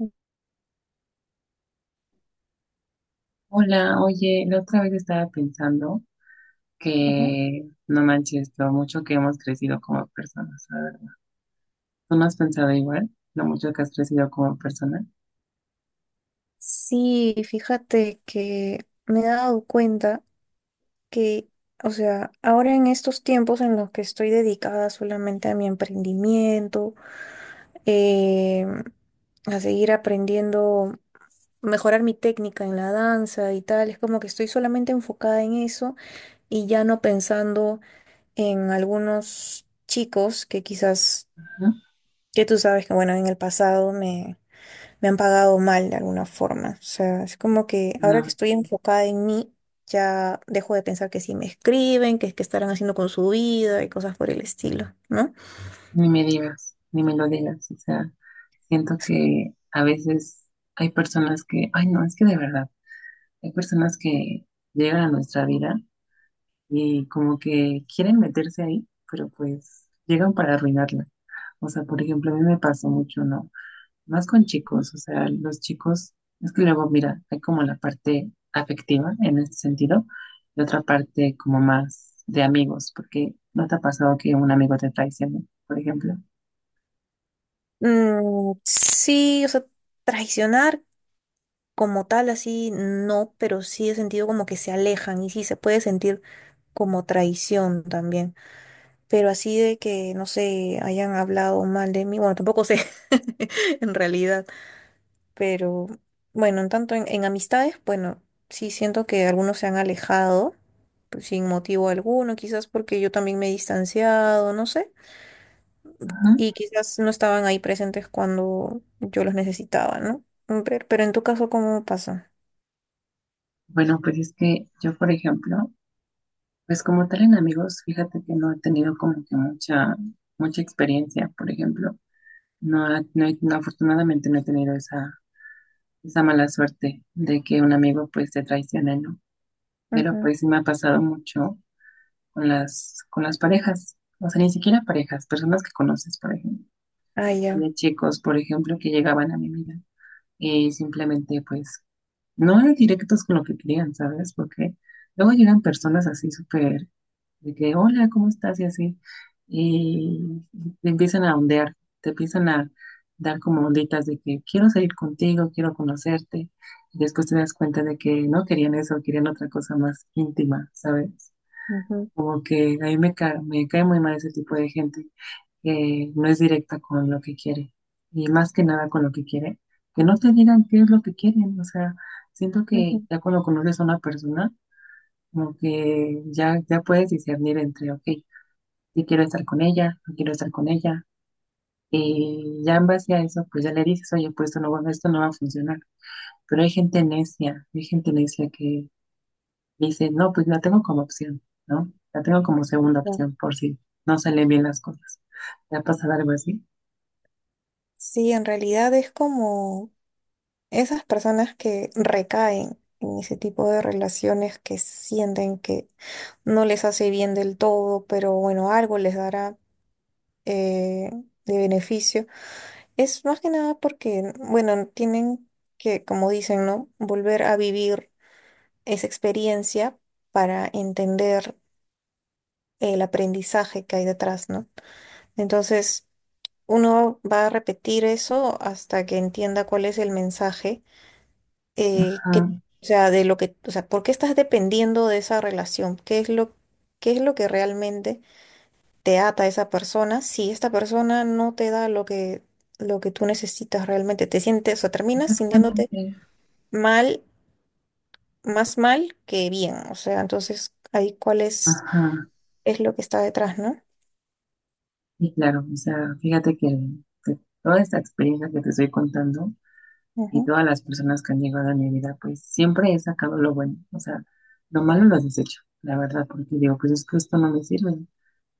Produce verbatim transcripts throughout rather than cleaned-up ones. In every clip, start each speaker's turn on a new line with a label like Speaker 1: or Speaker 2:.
Speaker 1: Ajá.
Speaker 2: Hola, oye, la otra vez estaba pensando que no manches lo mucho que hemos crecido como personas, la verdad. ¿Tú no has pensado igual? Lo mucho que has crecido como persona.
Speaker 1: Sí, fíjate que me he dado cuenta que, o sea, ahora en estos tiempos en los que estoy dedicada solamente a mi emprendimiento, eh, a seguir aprendiendo, mejorar mi técnica en la danza y tal, es como que estoy solamente enfocada en eso y ya no pensando en algunos chicos que quizás,
Speaker 2: ¿No?
Speaker 1: que tú sabes que, bueno, en el pasado me... me han pagado mal de alguna forma. O sea, es como que ahora que
Speaker 2: No,
Speaker 1: estoy enfocada en mí, ya dejo de pensar que si me escriben, que es que estarán haciendo con su vida y cosas por el estilo, ¿no?
Speaker 2: ni me digas, ni me lo digas. O sea, siento que a veces hay personas que, ay, no, es que de verdad, hay personas que llegan a nuestra vida y como que quieren meterse ahí, pero pues llegan para arruinarla. O sea, por ejemplo, a mí me pasó mucho, ¿no? Más con chicos, o sea, los chicos, es que luego, mira, hay como la parte afectiva en este sentido y otra parte como más de amigos, porque no te ha pasado que un amigo te traicione, por ejemplo.
Speaker 1: Mm, sí, o sea, traicionar como tal, así no, pero sí he sentido como que se alejan y sí se puede sentir como traición también. Pero así de que, no sé, hayan hablado mal de mí, bueno, tampoco sé en realidad. Pero bueno, en tanto en, en amistades, bueno, sí siento que algunos se han alejado pues, sin motivo alguno, quizás porque yo también me he distanciado, no sé, y
Speaker 2: Ajá.
Speaker 1: quizás no estaban ahí presentes cuando yo los necesitaba, ¿no? Mm, Pero, pero en tu caso, ¿cómo pasa?
Speaker 2: Bueno, pues es que yo, por ejemplo, pues como tal en amigos, fíjate que no he tenido como que mucha, mucha experiencia, por ejemplo. No, ha- no, he- no, afortunadamente no he tenido esa, esa mala suerte de que un amigo pues te traicione, ¿no? Pero
Speaker 1: Ujú.
Speaker 2: pues sí me ha pasado mucho con las, con las parejas, o sea, ni siquiera parejas, personas que conoces, por ejemplo.
Speaker 1: Ah, ya.
Speaker 2: Había chicos, por ejemplo, que llegaban a mi vida y simplemente, pues, no eran directos con lo que querían, ¿sabes? Porque luego llegan personas así súper, de que, hola, ¿cómo estás? Y así, y te empiezan a ondear, te empiezan a dar como onditas de que quiero salir contigo, quiero conocerte, y después te das cuenta de que no querían eso, querían otra cosa más íntima, ¿sabes?
Speaker 1: Ujú,
Speaker 2: Como que a mí me cae, me cae muy mal ese tipo de gente que no es directa con lo que quiere y más que nada con lo que quiere, que no te digan qué es lo que quieren. O sea, siento que
Speaker 1: ujú.
Speaker 2: ya cuando conoces a una persona, como que ya, ya puedes discernir entre, ok, si quiero estar con ella, no quiero estar con ella. Y ya en base a eso, pues ya le dices, oye, pues esto no, va- esto no va a funcionar. Pero hay gente necia, hay gente necia que dice, no, pues la tengo como opción, ¿no? La tengo como segunda
Speaker 1: Ya.
Speaker 2: opción por si no salen bien las cosas. ¿Te ha pasado algo así?
Speaker 1: Sí, en realidad es como... Esas personas que recaen en ese tipo de relaciones que sienten que no les hace bien del todo, pero bueno, algo les dará eh, de beneficio, es más que nada porque, bueno, tienen que, como dicen, ¿no? Volver a vivir esa experiencia para entender el aprendizaje que hay detrás, ¿no? Entonces, uno va a repetir eso hasta que entienda cuál es el mensaje eh, que,
Speaker 2: Ajá,
Speaker 1: o sea, de lo que, o sea, ¿por qué estás dependiendo de esa relación? ¿Qué es lo, qué es lo que realmente te ata a esa persona? Si esta persona no te da lo que, lo que tú necesitas realmente, te sientes, o terminas sintiéndote
Speaker 2: exactamente.
Speaker 1: mal, más mal que bien. O sea, entonces ahí cuál es,
Speaker 2: Ajá,
Speaker 1: es lo que está detrás, ¿no?
Speaker 2: y claro, o sea, fíjate que de toda esta experiencia que te estoy contando y
Speaker 1: Ujú,
Speaker 2: todas las personas que han llegado a mi vida, pues siempre he sacado lo bueno, o sea, lo malo lo desecho, la verdad, porque digo, pues es que esto no me sirve.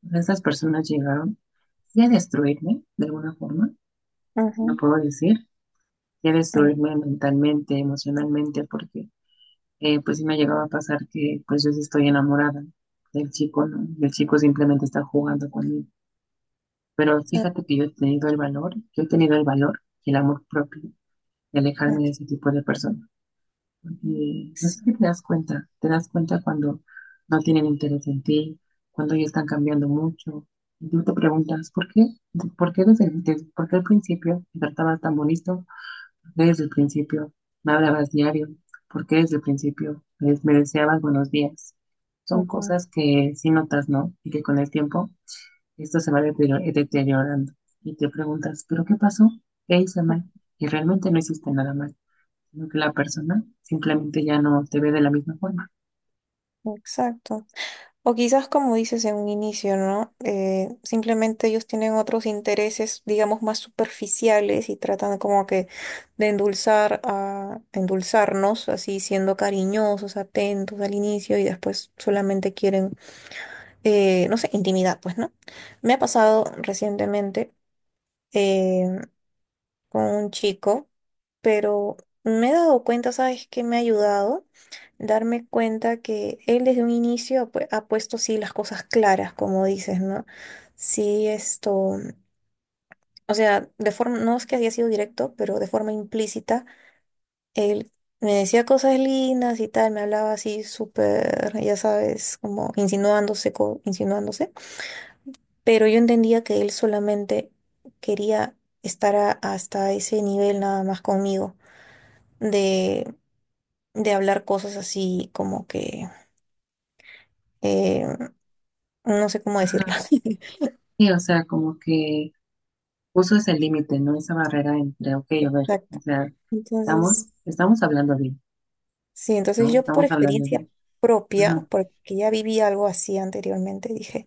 Speaker 2: O sea, estas personas llegaron sí a destruirme de alguna forma, si no
Speaker 1: ujú,
Speaker 2: puedo decir, que
Speaker 1: ujú,
Speaker 2: destruirme mentalmente, emocionalmente, porque eh, pues sí me llegaba a pasar que pues yo sí estoy enamorada del chico, ¿no? Y el chico simplemente está jugando conmigo. Pero fíjate
Speaker 1: exacto,
Speaker 2: que yo he tenido el valor, yo he tenido el valor y el amor propio de
Speaker 1: ah,
Speaker 2: alejarme de ese tipo de personas. Porque pues es que
Speaker 1: sí,
Speaker 2: te das cuenta, te das cuenta cuando no tienen interés en ti, cuando ya están cambiando mucho. Y tú te preguntas, ¿por qué? ¿Por qué desde, desde- por qué al principio me tratabas tan bonito? ¿Desde el principio me hablabas diario? ¿Porque desde el principio pues, me deseabas buenos días? Son
Speaker 1: ujú,
Speaker 2: cosas que sí notas, ¿no? Y que con el tiempo esto se va deterioro- deteriorando. Y te preguntas, ¿pero qué pasó? ¿Qué hice mal? Y realmente no hiciste nada mal, sino que la persona simplemente ya no te ve de la misma forma.
Speaker 1: ujú, exacto. O quizás, como dices en un inicio, ¿no? Eh, simplemente ellos tienen otros intereses, digamos, más superficiales y tratan como que de endulzar a endulzarnos, así siendo cariñosos, atentos al inicio y después solamente quieren, eh, no sé, intimidad, pues, ¿no? Me ha pasado recientemente. eh, con un chico, pero me he dado cuenta, ¿sabes qué me ha ayudado? Darme cuenta que él desde un inicio ha pu- ha puesto sí las cosas claras, como dices, ¿no? Sí, esto, o sea, de forma, no es que haya sido directo, pero de forma implícita, él me decía cosas lindas y tal, me hablaba así súper, ya sabes, como insinuándose, co- insinuándose, pero yo entendía que él solamente quería estar a- hasta ese nivel nada más conmigo. de, de hablar cosas así como que eh, no sé cómo decirlo.
Speaker 2: Ajá. Sí, o sea, como que puso ese límite, ¿no? Esa barrera entre, ok, a ver, o
Speaker 1: Exacto.
Speaker 2: sea, estamos,
Speaker 1: Entonces,
Speaker 2: estamos hablando bien,
Speaker 1: sí, entonces
Speaker 2: ¿no?
Speaker 1: yo por
Speaker 2: Estamos hablando
Speaker 1: experiencia
Speaker 2: bien.
Speaker 1: propia,
Speaker 2: Ajá.
Speaker 1: porque ya viví algo así anteriormente, dije,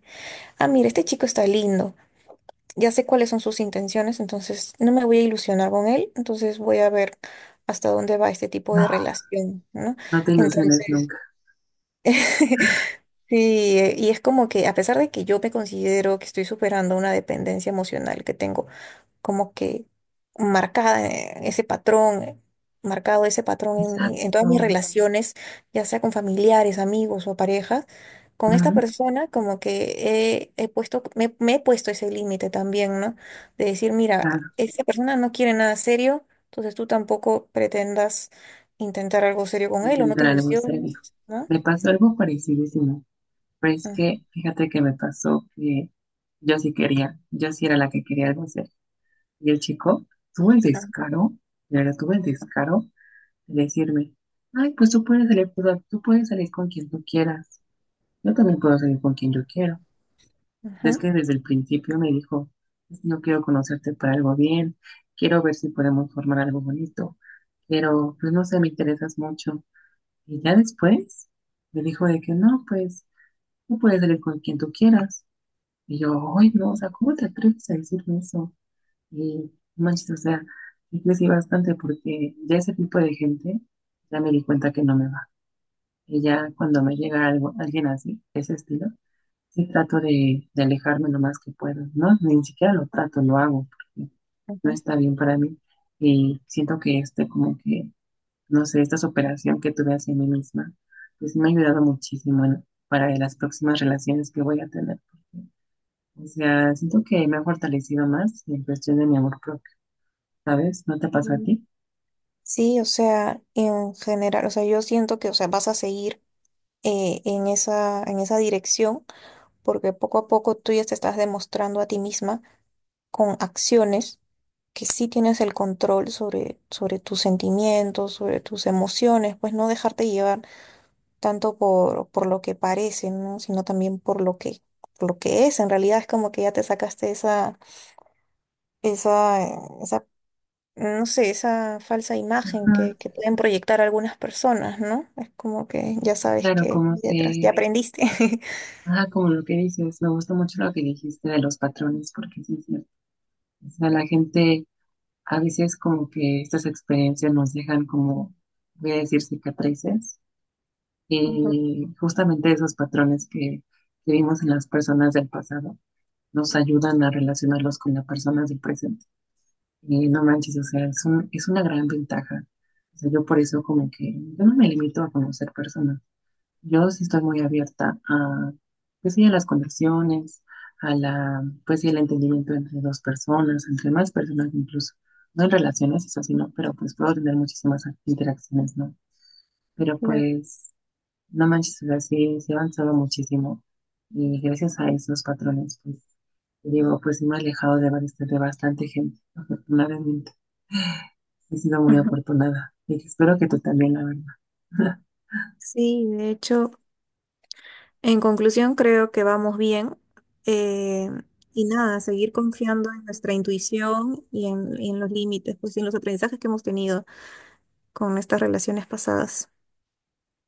Speaker 1: ah, mira, este chico está lindo, ya sé cuáles son sus intenciones, entonces no me voy a ilusionar con él, entonces voy a ver hasta dónde va este tipo
Speaker 2: No,
Speaker 1: de relación, ¿no?
Speaker 2: no te ilusiones
Speaker 1: Entonces...
Speaker 2: nunca.
Speaker 1: Sí, eh, y es como que a pesar de que yo me considero que estoy superando una dependencia emocional que tengo como que marcada eh, ese patrón, eh, marcado ese patrón en, en-
Speaker 2: Exacto.
Speaker 1: en todas mis relaciones, ya sea con familiares, amigos o parejas. Con esta
Speaker 2: Ujú,
Speaker 1: persona como que he, he puesto, me, me he puesto ese límite también, ¿no? De decir, mira,
Speaker 2: claro,
Speaker 1: esta persona no quiere nada serio, entonces tú tampoco pretendas intentar algo serio con él o no te
Speaker 2: intentaremos serio.
Speaker 1: ilusiones, ¿no?
Speaker 2: Me pasó algo parecidísimo, pero es
Speaker 1: Ujú,
Speaker 2: que fíjate que me pasó que yo sí quería, yo sí era la que quería algo hacer. Y el chico tuvo el descaro, de verdad tuvo el descaro de decirme, ay, pues tú puedes salir, pues, tú puedes salir con quien tú quieras, yo también puedo salir con quien yo quiero. Es
Speaker 1: ujú,
Speaker 2: que desde el principio me dijo, yo quiero conocerte para algo bien, quiero ver si podemos formar algo bonito, pero pues no sé, me interesas mucho. Y ya después me dijo de que no, pues tú puedes salir con quien tú quieras. Y yo, ay, no, o sea, ¿cómo te atreves a decirme eso? Y no manches, o sea, sí crecí bastante porque ya ese tipo de gente ya me di cuenta que no me va. Y ya cuando me llega algo, alguien así, de ese estilo, sí, trato de, de alejarme lo más que puedo, ¿no? Ni siquiera lo trato, lo hago, porque no
Speaker 1: ujú.
Speaker 2: está bien para mí. Y siento que este, como que, no sé, esta superación que tuve hacia mí misma, pues me ha ayudado muchísimo en- para las próximas relaciones que voy a tener. Porque, o sea, siento que me ha fortalecido más en cuestión de mi amor propio, ¿sabes? ¿No te pasa a ti?
Speaker 1: Sí, o sea, en general, o sea, yo siento que, o sea, vas a seguir eh, en esa, en esa dirección, porque poco a poco tú ya te estás demostrando a ti misma con acciones que sí tienes el control sobre, sobre tus sentimientos, sobre tus emociones, pues no dejarte llevar tanto por, por lo que parece, ¿no? Sino también por lo que, por lo que es. En realidad es como que ya te sacaste esa, esa, eh, esa, no sé, esa falsa imagen
Speaker 2: Ajá,
Speaker 1: que, que pueden proyectar algunas personas, ¿no? Es como que ya
Speaker 2: sí,
Speaker 1: sabes
Speaker 2: claro,
Speaker 1: que
Speaker 2: como
Speaker 1: hay detrás, ya
Speaker 2: que,
Speaker 1: aprendiste.
Speaker 2: ah, como lo que dices, me gustó mucho lo que dijiste de los patrones, porque sí, es cierto. O sea, la gente. A veces como que estas experiencias nos dejan como, voy a decir, cicatrices
Speaker 1: Ujú.
Speaker 2: y justamente esos patrones que, que vimos en las personas del pasado nos ayudan a relacionarlos con las personas del presente. Y no manches, o sea, es un- es una gran ventaja. O sea, yo por eso como que yo no me limito a conocer personas. Yo sí estoy muy abierta a, pues sí, a las conexiones, a la, pues sí, el entendimiento entre dos personas, entre más personas incluso. No en relaciones, eso sí, no, pero pues puedo tener muchísimas interacciones, ¿no? Pero
Speaker 1: Claro.
Speaker 2: pues, no manches, o sea, sí, sí he avanzado muchísimo. Y gracias a esos patrones, pues, te digo, pues sí me he alejado de, bast- de bastante gente, afortunadamente. He sido muy
Speaker 1: Ujú.
Speaker 2: afortunada. Y espero que tú también, la verdad.
Speaker 1: Sí, de hecho, en conclusión creo que vamos bien. eh, y nada, seguir confiando en nuestra intuición y en, y en los límites, pues y en los aprendizajes que hemos tenido con estas relaciones pasadas.